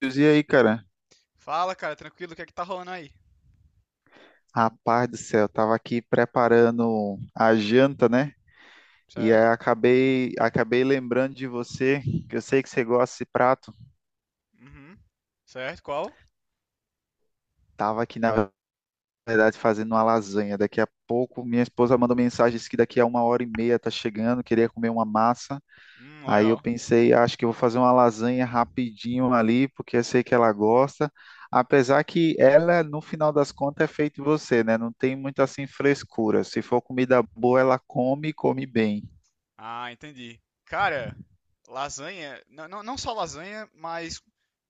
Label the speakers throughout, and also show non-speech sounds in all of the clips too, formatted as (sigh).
Speaker 1: E aí, cara?
Speaker 2: Fala, cara, tranquilo, o que é que tá rolando aí?
Speaker 1: Rapaz do céu, eu tava aqui preparando a janta, né? E aí
Speaker 2: Certo?
Speaker 1: acabei lembrando de você, que eu sei que você gosta desse prato.
Speaker 2: Uhum. Certo, qual?
Speaker 1: Tava aqui, na verdade, fazendo uma lasanha. Daqui a pouco, minha esposa mandou mensagem, disse que daqui a uma hora e meia tá chegando, queria comer uma massa. Aí eu
Speaker 2: Legal.
Speaker 1: pensei, acho que eu vou fazer uma lasanha rapidinho ali, porque eu sei que ela gosta. Apesar que ela, no final das contas, é feita em você, né? Não tem muito assim frescura. Se for comida boa, ela come e come bem.
Speaker 2: Ah, entendi. Cara, lasanha, não, não, não só lasanha, mas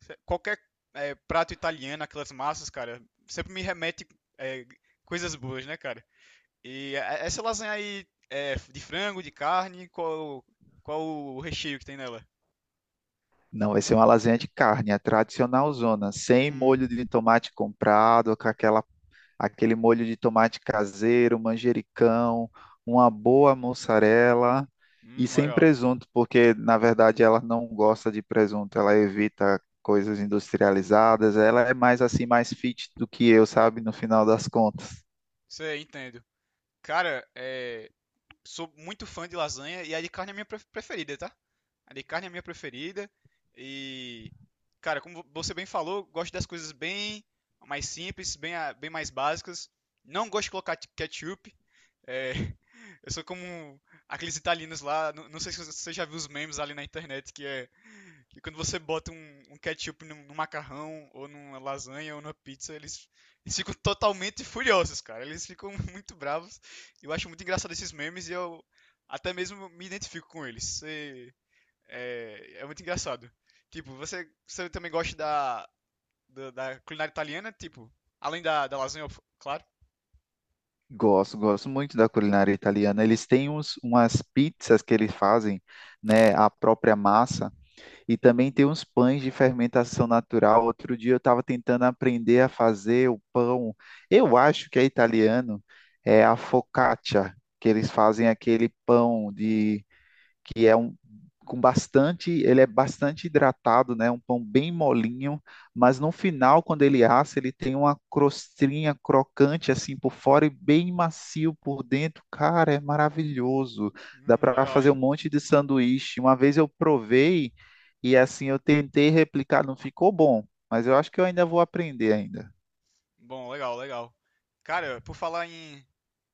Speaker 2: qualquer prato italiano, aquelas massas, cara, sempre me remete, é, coisas boas, né, cara? E essa lasanha aí é de frango, de carne, qual o recheio que tem nela?
Speaker 1: Não, vai ser uma lasanha de carne, a tradicional zona, sem
Speaker 2: Hum,
Speaker 1: molho de tomate comprado, com aquela aquele molho de tomate caseiro, manjericão, uma boa mussarela e sem
Speaker 2: Legal.
Speaker 1: presunto, porque na verdade ela não gosta de presunto, ela evita coisas industrializadas, ela é mais assim, mais fit do que eu, sabe, no final das contas.
Speaker 2: Sei, entendo. Cara, sou muito fã de lasanha, e a de carne é a minha preferida, tá? A de carne é a minha preferida. E, cara, como você bem falou, eu gosto das coisas bem mais simples, bem mais básicas. Não gosto de colocar ketchup. É, (laughs) eu sou como aqueles italianos lá. Não, não sei se você já viu os memes ali na internet, que é. E quando você bota um ketchup num macarrão, ou numa lasanha, ou numa pizza, eles ficam totalmente furiosos, cara. Eles ficam (laughs) muito bravos. Eu acho muito engraçado esses memes e eu até mesmo me identifico com eles. É muito engraçado. Tipo, você também gosta da culinária italiana? Tipo, além da lasanha, claro.
Speaker 1: Gosto muito da culinária italiana. Eles têm umas pizzas que eles fazem, né, a própria massa. E também tem uns pães de fermentação natural. Outro dia eu estava tentando aprender a fazer o pão. Eu acho que é italiano, é a focaccia, que eles fazem aquele pão de que é um com bastante, ele é bastante hidratado, né? Um pão bem molinho, mas no final, quando ele assa, ele tem uma crostinha crocante assim por fora e bem macio por dentro. Cara, é maravilhoso. Dá para
Speaker 2: Legal,
Speaker 1: fazer um
Speaker 2: hein?
Speaker 1: monte de sanduíche. Uma vez eu provei e assim eu tentei replicar, não ficou bom, mas eu acho que eu ainda vou aprender ainda.
Speaker 2: Bom, legal, legal. Cara, por falar em,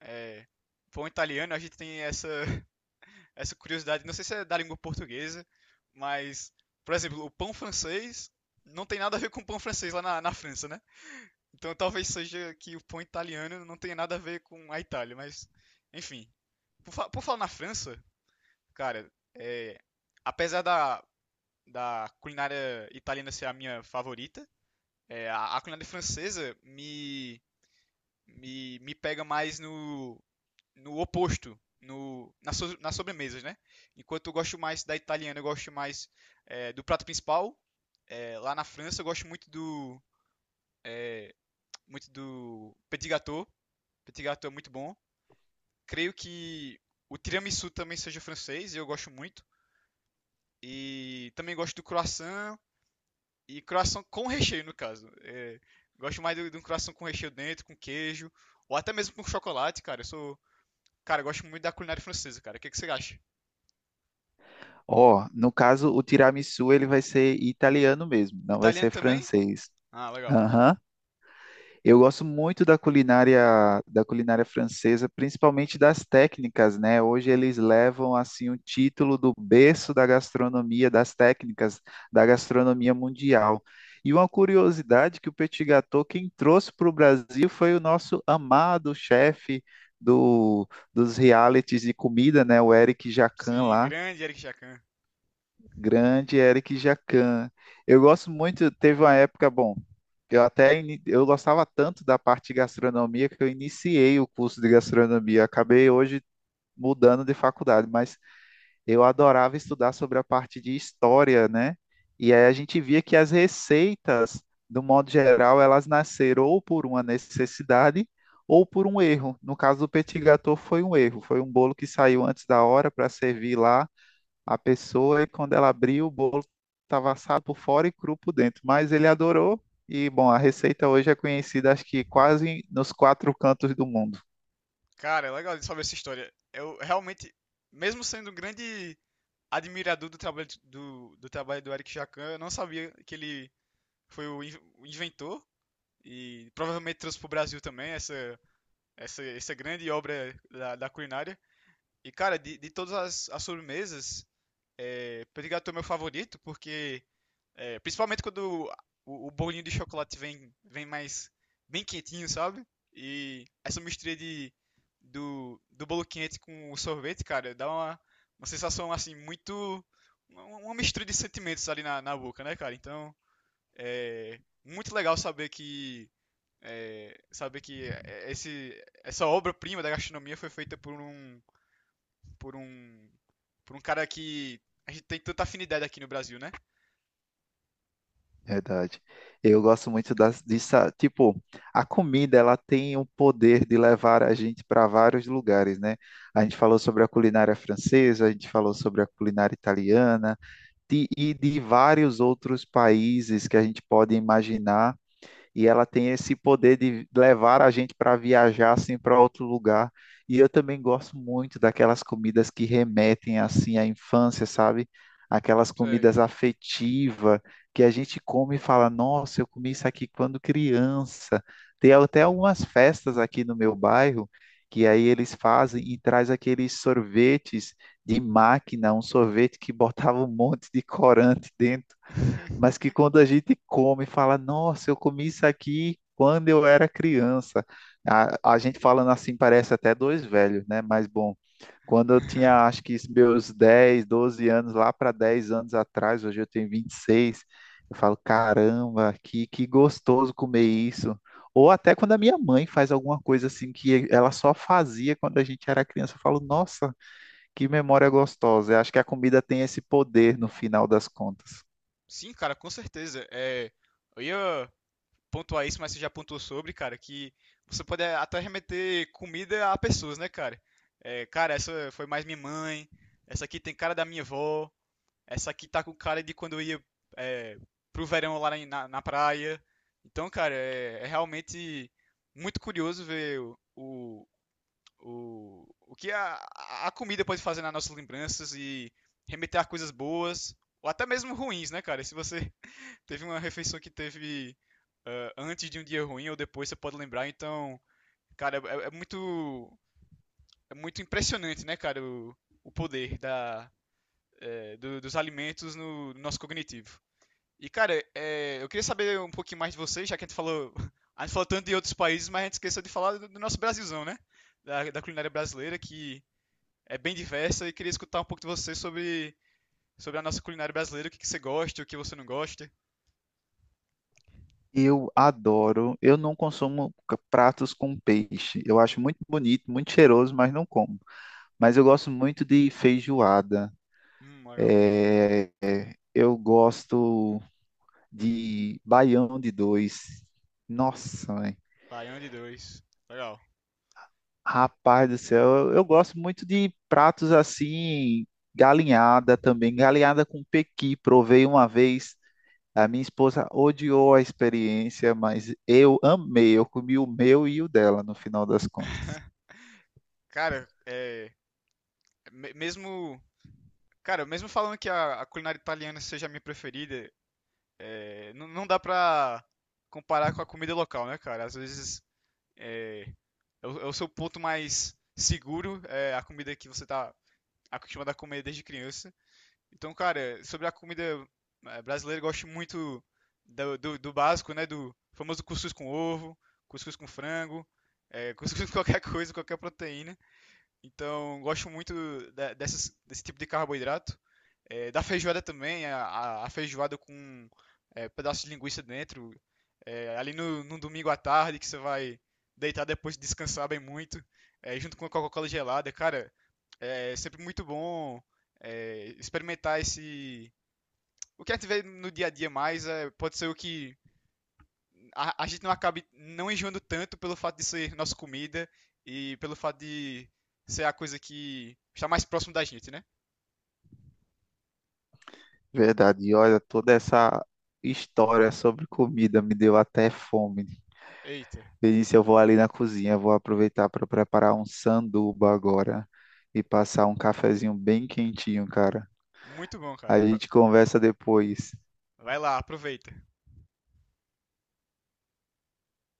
Speaker 2: é, pão italiano, a gente tem essa curiosidade, não sei se é da língua portuguesa, mas, por exemplo, o pão francês não tem nada a ver com o pão francês lá na França, né? Então talvez seja que o pão italiano não tenha nada a ver com a Itália, mas enfim. Por falar na França, cara, apesar da culinária italiana ser a minha favorita, a culinária francesa me pega mais no oposto, no, na so, nas sobremesas, né? Enquanto eu gosto mais da italiana, eu gosto mais, do prato principal. É, lá na França, eu gosto muito é, do petit gâteau. Petit gâteau é muito bom. Creio que o tiramisu também seja francês, eu gosto muito. E também gosto do croissant, e croissant com recheio, no caso. É, gosto mais de um croissant com recheio dentro, com queijo, ou até mesmo com chocolate, cara. Eu sou Cara, eu gosto muito da culinária francesa, cara. O que que você acha?
Speaker 1: Ó, no caso, o tiramisu ele vai ser italiano mesmo, não vai
Speaker 2: Italiano
Speaker 1: ser
Speaker 2: também?
Speaker 1: francês.
Speaker 2: Ah, legal.
Speaker 1: Aham. Eu gosto muito da culinária francesa, principalmente das técnicas, né? Hoje eles levam assim o título do berço da gastronomia, das técnicas da gastronomia mundial. E uma curiosidade que o petit gâteau quem trouxe para o Brasil foi o nosso amado chefe do, dos realities de comida, né? O Eric Jacquin
Speaker 2: Sim,
Speaker 1: lá.
Speaker 2: grande Eric Jacan.
Speaker 1: Grande Eric Jacan. Eu gosto muito, teve uma época, bom, eu gostava tanto da parte de gastronomia que eu iniciei o curso de gastronomia. Acabei hoje mudando de faculdade, mas eu adorava estudar sobre a parte de história, né? E aí a gente via que as receitas, do modo geral, elas nasceram ou por uma necessidade ou por um erro. No caso do petit gâteau foi um erro, foi um bolo que saiu antes da hora para servir lá a pessoa e quando ela abriu, o bolo estava assado por fora e cru por dentro. Mas ele adorou e, bom, a receita hoje é conhecida, acho que quase nos quatro cantos do mundo.
Speaker 2: Cara, é legal de saber essa história. Eu realmente, mesmo sendo um grande admirador do trabalho do Eric Jacan, eu não sabia que ele foi o inventor e provavelmente trouxe para o Brasil também essa grande obra da culinária. E, cara, de todas as sobremesas, pão de gato é o meu favorito, porque, principalmente quando o bolinho de chocolate vem mais bem quentinho, sabe? E essa mistura do bolo quente com o sorvete, cara, dá uma sensação assim muito. Uma mistura de sentimentos ali na boca, né, cara? Então, é muito legal saber que esse, essa obra-prima da gastronomia foi feita por um por um cara que a gente tem tanta afinidade aqui no Brasil, né?
Speaker 1: Verdade. Eu gosto muito das, disso. Tipo, a comida, ela tem o poder de levar a gente para vários lugares, né? A gente falou sobre a culinária francesa, a gente falou sobre a culinária italiana, e de vários outros países que a gente pode imaginar e ela tem esse poder de levar a gente para viajar assim para outro lugar. E eu também gosto muito daquelas comidas que remetem assim à infância, sabe? Aquelas
Speaker 2: Sei.
Speaker 1: comidas afetivas que a gente come e fala: "Nossa, eu comi isso aqui quando criança". Tem até algumas festas aqui no meu bairro que aí eles fazem e traz aqueles sorvetes de máquina, um sorvete que botava um monte de corante dentro, mas que quando a gente come, fala, nossa, eu comi isso aqui quando eu era criança. A gente falando assim parece até dois velhos, né? Mas bom, quando eu tinha, acho
Speaker 2: (laughs)
Speaker 1: que meus 10 12 anos, lá para 10 anos atrás, hoje eu tenho 26, eu falo, caramba, que gostoso comer isso. Ou até quando a minha mãe faz alguma coisa assim que ela só fazia quando a gente era criança, eu falo, nossa, que memória gostosa. Eu acho que a comida tem esse poder no final das contas.
Speaker 2: Sim, cara, com certeza. Eu ia pontuar isso, mas você já pontuou sobre, cara, que você pode até remeter comida a pessoas, né, cara? É, cara, essa foi mais minha mãe, essa aqui tem cara da minha avó, essa aqui tá com cara de quando eu ia, é, pro verão lá na praia. Então, cara, realmente muito curioso ver o que a comida pode fazer nas nossas lembranças e remeter a coisas boas ou até mesmo ruins, né, cara? Se você (laughs) teve uma refeição que teve, antes de um dia ruim ou depois, você pode lembrar. Então, cara, é muito impressionante, né, cara, o poder dos alimentos no nosso cognitivo. E, cara, eu queria saber um pouquinho mais de vocês, já que a gente falou, (laughs) a gente falou tanto de outros países, mas a gente esqueceu de falar do nosso Brasilzão, né? Da culinária brasileira, que é bem diversa, e queria escutar um pouco de você sobre, sobre a nossa culinária brasileira, o que, que você gosta, o que você não gosta.
Speaker 1: Eu adoro. Eu não consumo pratos com peixe. Eu acho muito bonito, muito cheiroso, mas não como. Mas eu gosto muito de feijoada.
Speaker 2: Legal.
Speaker 1: Eu gosto de baião de dois. Nossa, mãe.
Speaker 2: Baião de dois. Legal.
Speaker 1: Rapaz do céu, eu gosto muito de pratos assim, galinhada também. Galinhada com pequi, provei uma vez. A minha esposa odiou a experiência, mas eu amei. Eu comi o meu e o dela, no final das contas.
Speaker 2: Cara, mesmo, cara, mesmo falando que a culinária italiana seja a minha preferida, não, não dá pra comparar com a comida local, né, cara? Às vezes é, é o seu ponto mais seguro, é a comida que você tá acostumado a comer desde criança. Então, cara, sobre a comida, brasileira, eu gosto muito do básico, né? Do famoso cuscuz com ovo, cuscuz com frango, cuscuz (laughs) com qualquer coisa, qualquer proteína. Então, gosto muito desse tipo de carboidrato. Da feijoada também, a feijoada com, pedaço de linguiça dentro. Ali no domingo à tarde, que você vai deitar depois de descansar bem muito, junto com a Coca-Cola gelada. Cara, é sempre muito bom, experimentar esse. O que a gente vê no dia a dia mais, pode ser o que a gente não acabe não enjoando tanto pelo fato de ser nossa comida e pelo fato de ser a coisa que está mais próximo da gente, né?
Speaker 1: Verdade. E olha, toda essa história sobre comida me deu até fome.
Speaker 2: Eita,
Speaker 1: Eu disse, eu vou ali na cozinha, vou aproveitar para preparar um sanduba agora e passar um cafezinho bem quentinho, cara.
Speaker 2: muito bom,
Speaker 1: A
Speaker 2: cara.
Speaker 1: gente conversa depois.
Speaker 2: Vai lá, aproveita.